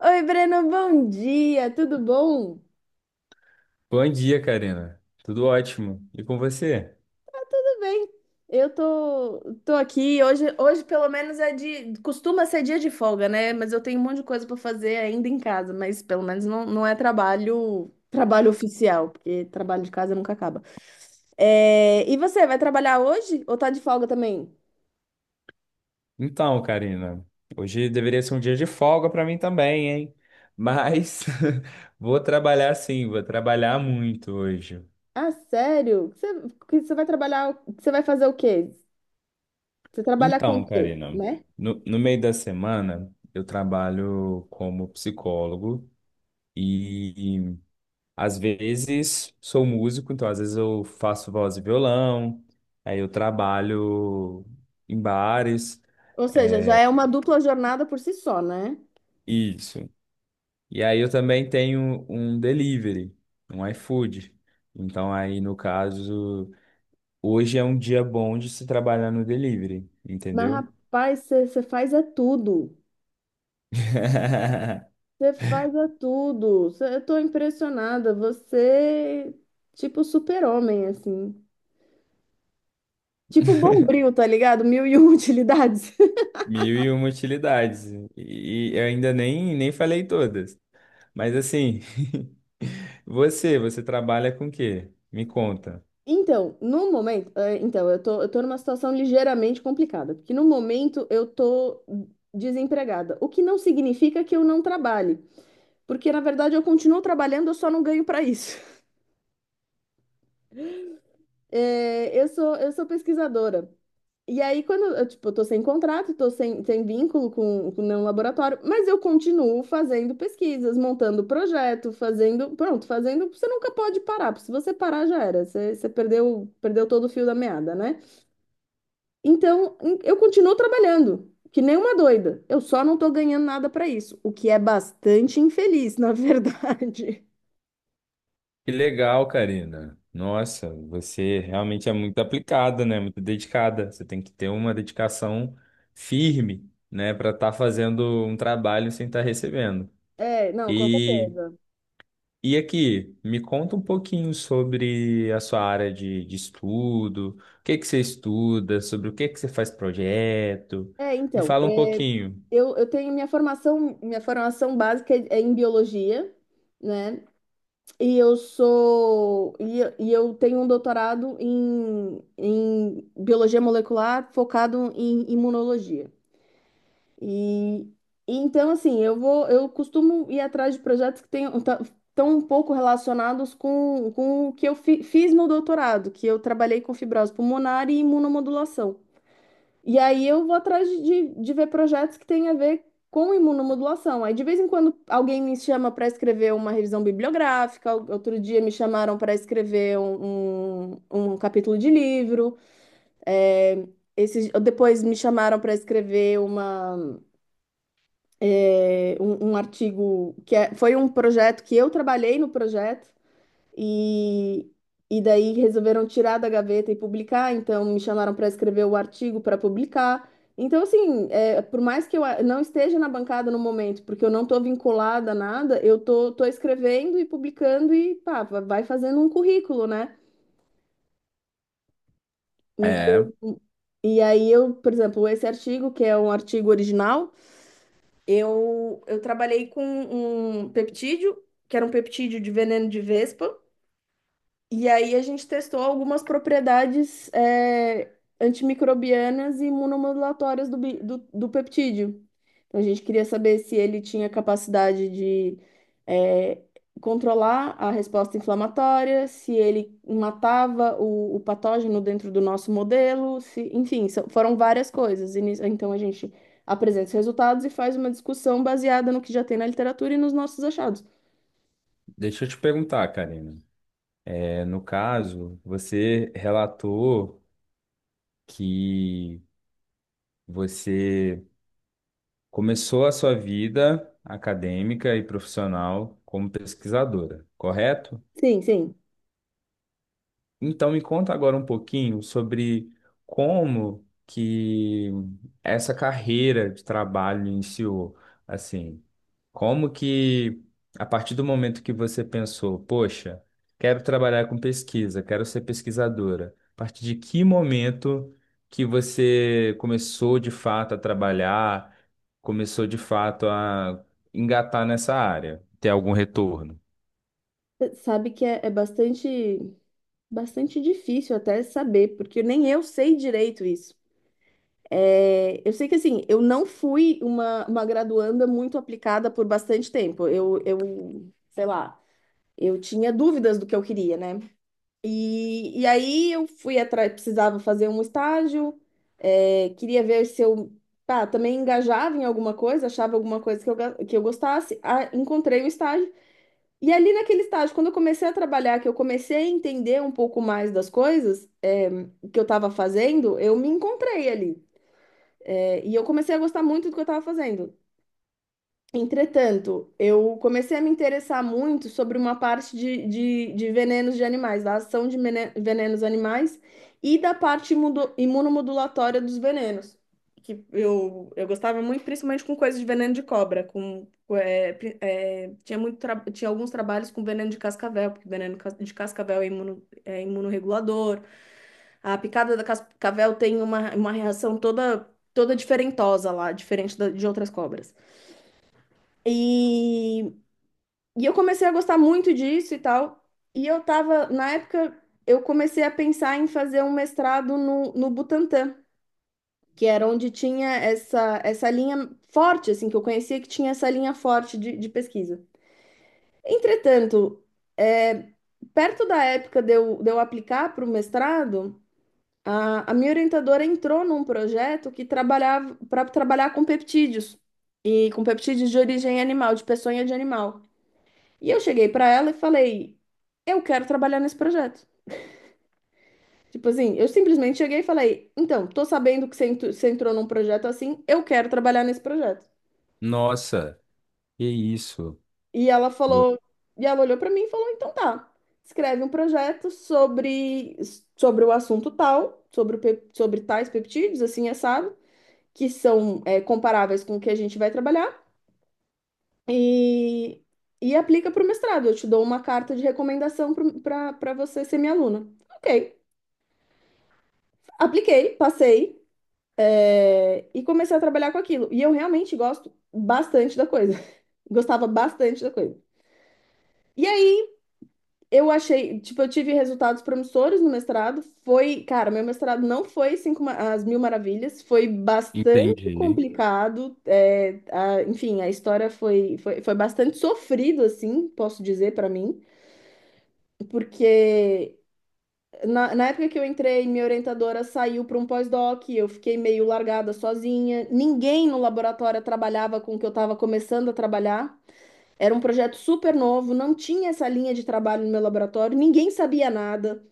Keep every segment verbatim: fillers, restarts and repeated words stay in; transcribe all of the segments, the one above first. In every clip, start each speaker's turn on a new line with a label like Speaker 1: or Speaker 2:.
Speaker 1: Oi, Breno, bom dia, tudo bom?
Speaker 2: Bom dia, Karina. Tudo ótimo. E com você?
Speaker 1: Tudo bem. Eu tô, tô aqui. Hoje, hoje, pelo menos, é de. Costuma ser dia de folga, né? Mas eu tenho um monte de coisa para fazer ainda em casa, mas pelo menos não, não é trabalho, trabalho oficial, porque trabalho de casa nunca acaba. É, e você, vai trabalhar hoje ou tá de folga também?
Speaker 2: Então, Karina, hoje deveria ser um dia de folga para mim também, hein? Mas vou trabalhar sim, vou trabalhar muito hoje.
Speaker 1: Ah, sério? Você, que você vai trabalhar. Você vai fazer o quê? Você trabalha com o
Speaker 2: Então,
Speaker 1: quê,
Speaker 2: Karina,
Speaker 1: né?
Speaker 2: no, no meio da semana eu trabalho como psicólogo e, e às vezes sou músico, então às vezes eu faço voz e violão, aí eu trabalho em bares.
Speaker 1: Ou seja, já
Speaker 2: eh,
Speaker 1: é uma dupla jornada por si só, né?
Speaker 2: Isso. E aí eu também tenho um delivery, um iFood. Então aí, no caso, hoje é um dia bom de se trabalhar no delivery,
Speaker 1: Mas,
Speaker 2: entendeu?
Speaker 1: rapaz, você faz é tudo. Você faz é tudo. Cê- eu tô impressionada. Você, tipo, super-homem, assim. Tipo Bombril, tá ligado? Mil e uma utilidades.
Speaker 2: Mil e uma utilidades. E eu ainda nem, nem falei todas. Mas assim, você, você trabalha com o quê? Me conta.
Speaker 1: Então, no momento, é, então, eu tô, eu tô numa situação ligeiramente complicada, porque no momento eu tô desempregada, o que não significa que eu não trabalhe, porque na verdade eu continuo trabalhando, eu só não ganho para isso. É, eu sou, eu sou pesquisadora. E aí, quando eu, tipo, eu tô sem contrato, tô sem, sem vínculo com, com nenhum laboratório, mas eu continuo fazendo pesquisas, montando projeto, fazendo, pronto, fazendo, você nunca pode parar, porque se você parar já era, você, você perdeu, perdeu todo o fio da meada, né? Então, em- eu continuo trabalhando, que nem uma doida, eu só não tô ganhando nada pra isso, o que é bastante infeliz, na verdade.
Speaker 2: Que legal, Karina. Nossa, você realmente é muito aplicada, né? Muito dedicada. Você tem que ter uma dedicação firme, né, para estar fazendo um trabalho sem estar recebendo.
Speaker 1: É, não, com
Speaker 2: E,
Speaker 1: certeza.
Speaker 2: e aqui, me conta um pouquinho sobre a sua área de, de estudo, o que que você estuda, sobre o que que você faz projeto.
Speaker 1: É,
Speaker 2: Me
Speaker 1: então,
Speaker 2: fala um
Speaker 1: é,
Speaker 2: pouquinho.
Speaker 1: eu, eu tenho minha formação, minha formação básica é é em biologia, né? E eu sou e, eu e eu tenho um doutorado em, em biologia molecular focado em imunologia. E, e então assim, eu vou eu costumo ir atrás de projetos que tenham tá- tão um pouco relacionados com, com o que eu fi- fiz no doutorado, que eu trabalhei com fibrose pulmonar e imunomodulação. E aí eu vou atrás de, de, de ver projetos que têm a ver com imunomodulação. Aí de vez em quando alguém me chama para escrever uma revisão bibliográfica, ou- outro dia me chamaram para escrever um, um, um capítulo de livro. É, esses, depois me chamaram para escrever uma, é, um, um artigo que é- foi um projeto que eu trabalhei no projeto. E, e daí resolveram tirar da gaveta e publicar, então me chamaram para escrever o artigo para publicar. Então, assim, é, por mais que eu a- não esteja na bancada no momento, porque eu não estou vinculada a nada, eu tô, tô escrevendo e publicando e pá, va- vai fazendo um currículo, né?
Speaker 2: É,
Speaker 1: Então, e aí eu, por exemplo, esse artigo, que é um artigo original, eu, eu trabalhei com um peptídeo, que era um peptídeo de veneno de vespa. E aí a gente testou algumas propriedades, é, antimicrobianas e imunomodulatórias do, bi- do, do peptídeo. Então, a gente queria saber se ele tinha capacidade de é, controlar a resposta inflamatória, se ele matava o, o patógeno dentro do nosso modelo, se, enfim, são- foram várias coisas. E nisso- Então a gente apresenta os resultados e faz uma discussão baseada no que já tem na literatura e nos nossos achados.
Speaker 2: deixa eu te perguntar, Karina. É, no caso, você relatou. Que você começou a sua vida acadêmica e profissional como pesquisadora, correto?
Speaker 1: Sim, sim.
Speaker 2: Então me conta agora um pouquinho sobre como que essa carreira de trabalho iniciou, assim, como que a partir do momento que você pensou, poxa, quero trabalhar com pesquisa, quero ser pesquisadora, a partir de que momento que você começou de fato a trabalhar, começou de fato a engatar nessa área, ter algum retorno?
Speaker 1: Sabe que é é bastante. Bastante difícil até saber, porque nem eu sei direito isso. É, eu sei que assim, eu não fui uma, uma graduanda muito aplicada por bastante tempo. Eu, eu, sei lá, eu tinha dúvidas do que eu queria, né? E, e aí eu fui atrás, precisava fazer um estágio, é, queria ver se eu, pá, também engajava em alguma coisa, achava alguma coisa que eu, ga- que eu gostasse. Ah, encontrei um estágio. E ali naquele estágio, quando eu comecei a trabalhar, que eu comecei a entender um pouco mais das coisas. Que eu estava fazendo, eu me encontrei ali. É, e eu comecei a gostar muito do que eu estava fazendo. Entretanto, eu comecei a me interessar muito sobre uma parte de, de, de venenos de animais, da ação de mene- venenos animais e da parte imudo- imunomodulatória dos venenos. Que eu, eu gostava muito, principalmente com coisas de veneno de cobra. Com, com, é, pri- é, tinha, muito tra- tinha alguns trabalhos com veneno de cascavel, porque veneno cas- de cascavel é, imuno, é imunorregulador. A picada da cascavel tem uma, uma reação toda toda diferentosa lá, diferente da- de outras cobras. E, e eu comecei a gostar muito disso e tal. E eu tava, na época, eu comecei a pensar em fazer um mestrado no, no butantan, que era onde tinha essa, essa linha forte, assim, que eu conhecia que tinha essa linha forte de, de pesquisa. Entretanto, é, perto da época de eu, de eu aplicar para o mestrado, A, a minha orientadora entrou num projeto que trabalhava para trabalhar com peptídeos e com peptídeos de origem animal, de peçonha de animal. E eu cheguei para ela e falei: "Eu quero trabalhar nesse projeto". Tipo assim, eu simplesmente cheguei e falei: "Então, tô sabendo que você entu- você entrou num projeto assim, eu quero trabalhar nesse projeto".
Speaker 2: Nossa, que isso.
Speaker 1: E ela falou, e ela olhou para mim e falou: "Então tá. Escreve um projeto sobre sobre o assunto tal, sobre o pep- sobre tais peptídeos, assim, assado que são é, comparáveis com o que a gente vai trabalhar e, e aplica para o mestrado. Eu te dou uma carta de recomendação para você ser minha aluna". Ok, apliquei, passei, é, e comecei a trabalhar com aquilo. E eu realmente gosto bastante da coisa. Gostava bastante da coisa. E aí eu achei, tipo, eu tive resultados promissores no mestrado. Foi, cara, meu mestrado não foi cinco, ma- as mil maravilhas, foi bastante
Speaker 2: Entendi.
Speaker 1: complicado. é, a- enfim, a história foi, foi, foi bastante sofrido, assim, posso dizer pra mim, porque na, na época que eu entrei, minha orientadora saiu para um pós-doc, eu fiquei meio largada sozinha. Ninguém no laboratório trabalhava com o que eu estava começando a trabalhar. Era um projeto super novo, não tinha essa linha de trabalho no meu laboratório, ninguém sabia nada.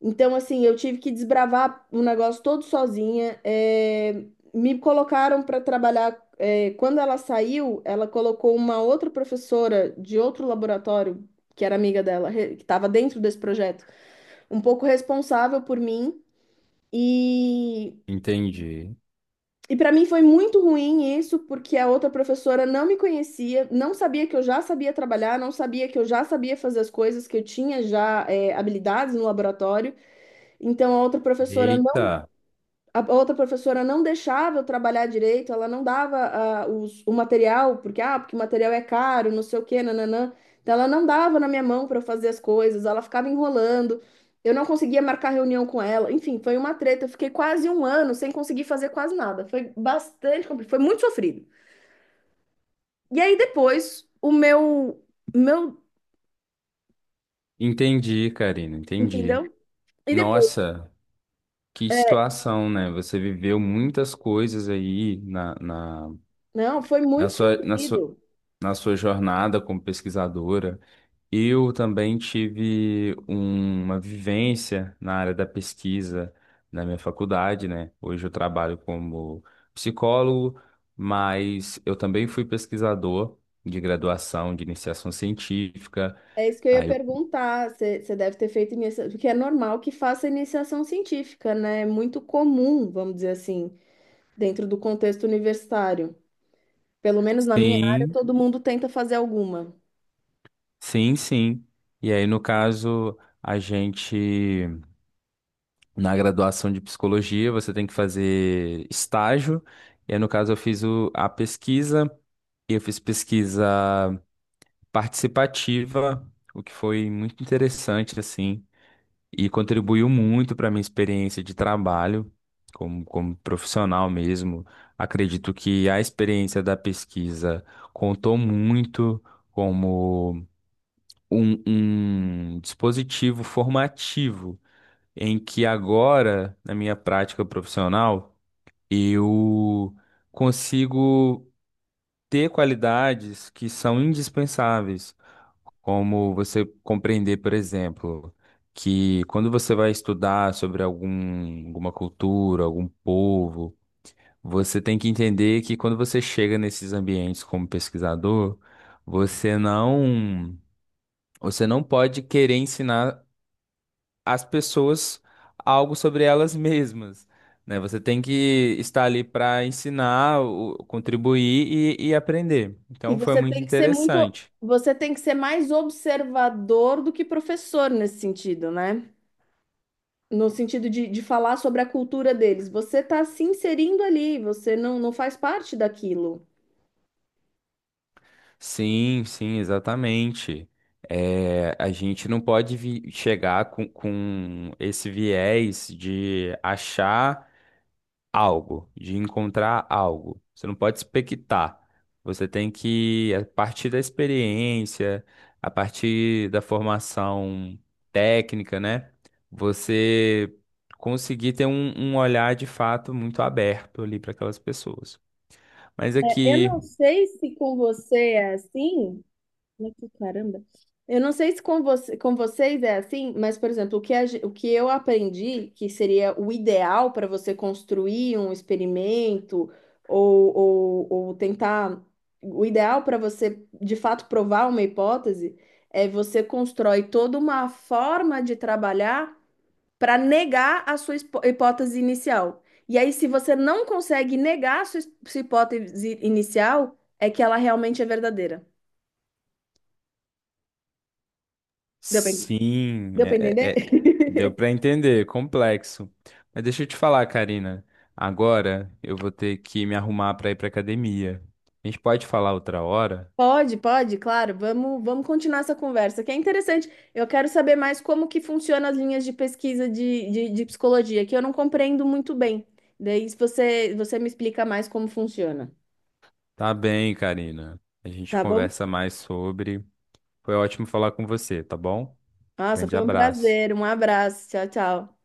Speaker 1: Então, assim, eu tive que desbravar o negócio todo sozinha. é, me colocaram para trabalhar. é, quando ela saiu, ela colocou uma outra professora de outro laboratório, que era amiga dela, re- que estava dentro desse projeto, um pouco responsável por mim. E,
Speaker 2: Entendi.
Speaker 1: e para mim foi muito ruim isso, porque a outra professora não me conhecia, não sabia que eu já sabia trabalhar, não sabia que eu já sabia fazer as coisas, que eu tinha já, é, habilidades no laboratório. Então, a outra professora
Speaker 2: Eita,
Speaker 1: A outra professora não deixava eu trabalhar direito, ela não dava ah, os- o material, porque, ah, porque o material é caro, não sei o quê, nananã. Então, ela não dava na minha mão para eu fazer as coisas, ela ficava enrolando, eu não conseguia marcar reunião com ela. Enfim, foi uma treta, eu fiquei quase um ano sem conseguir fazer quase nada. Foi bastante complicado, foi muito sofrido. E aí, depois, o meu, meu,
Speaker 2: entendi, Karina, entendi.
Speaker 1: entendeu? E depois,
Speaker 2: Nossa, que
Speaker 1: é,
Speaker 2: situação, né? Você viveu muitas coisas aí na, na,
Speaker 1: não, foi
Speaker 2: na
Speaker 1: muito
Speaker 2: sua, na sua,
Speaker 1: sofrido.
Speaker 2: na sua jornada como pesquisadora. Eu também tive um- uma vivência na área da pesquisa na minha faculdade, né? Hoje eu trabalho como psicólogo, mas eu também fui pesquisador de graduação, de iniciação científica.
Speaker 1: É isso que eu ia
Speaker 2: Aí eu
Speaker 1: perguntar. Você você deve ter feito iniciação, porque é normal que faça iniciação científica, né? É muito comum, vamos dizer assim, dentro do contexto universitário. Pelo menos na minha área,
Speaker 2: Sim,
Speaker 1: todo mundo tenta fazer alguma.
Speaker 2: sim, sim. E aí, no caso, a gente, na graduação de psicologia, você tem que fazer estágio. E aí, no caso, eu fiz o- a pesquisa, e eu fiz pesquisa participativa, o que foi muito interessante, assim, e contribuiu muito para minha experiência de trabalho, como, como profissional mesmo. Acredito que a experiência da pesquisa contou muito como. um, um dispositivo formativo em que agora, na minha prática profissional, eu consigo ter qualidades que são indispensáveis, como você compreender, por exemplo, que quando você vai estudar sobre algum, alguma cultura, algum povo, você tem que entender que quando você chega nesses ambientes como pesquisador, você não você não pode querer ensinar as pessoas algo sobre elas mesmas, né? Você tem que estar ali para ensinar, o- contribuir e, e aprender.
Speaker 1: E
Speaker 2: Então foi
Speaker 1: você
Speaker 2: muito
Speaker 1: tem que ser muito,
Speaker 2: interessante.
Speaker 1: você tem que ser mais observador do que professor nesse sentido, né? No sentido de, de falar sobre a cultura deles. Você está se inserindo ali, você não, não faz parte daquilo.
Speaker 2: Sim, sim, exatamente. É, a gente não pode vi- chegar com, com esse viés de achar algo, de encontrar algo. Você não pode expectar. Você tem que, a partir da experiência, a partir da formação técnica, né? Você conseguir ter um, um olhar de fato muito aberto ali para aquelas pessoas. Mas
Speaker 1: É, eu
Speaker 2: aqui,
Speaker 1: não sei se com você é assim. Olha que caramba. Eu não sei se com você, com vocês é assim, mas, por exemplo, o que, a ge- o que eu aprendi que seria o ideal para você construir um experimento ou, ou, ou tentar. O ideal para você, de fato, provar uma hipótese é você constrói toda uma forma de trabalhar para negar a sua espo- hipótese inicial. E aí, se você não consegue negar a sua es- sua hipótese inicial, é que ela realmente é verdadeira. Deu pra
Speaker 2: sim,
Speaker 1: Deu para
Speaker 2: é- é-
Speaker 1: entender?
Speaker 2: é, deu para entender, complexo. Mas deixa eu te falar, Karina. Agora eu vou ter que me arrumar para ir para academia. A gente pode falar outra hora?
Speaker 1: Pode, pode, claro. Vamos, vamos continuar essa conversa, que é interessante. Eu quero saber mais como que funcionam as linhas de pesquisa de, de, de psicologia, que eu não compreendo muito bem. Daí, se você, você me explica mais como funciona,
Speaker 2: Tá bem, Karina. A gente
Speaker 1: tá bom?
Speaker 2: conversa mais sobre. Foi ótimo falar com você, tá bom?
Speaker 1: Nossa,
Speaker 2: Grande
Speaker 1: foi um
Speaker 2: abraço.
Speaker 1: prazer. Um abraço. Tchau, tchau.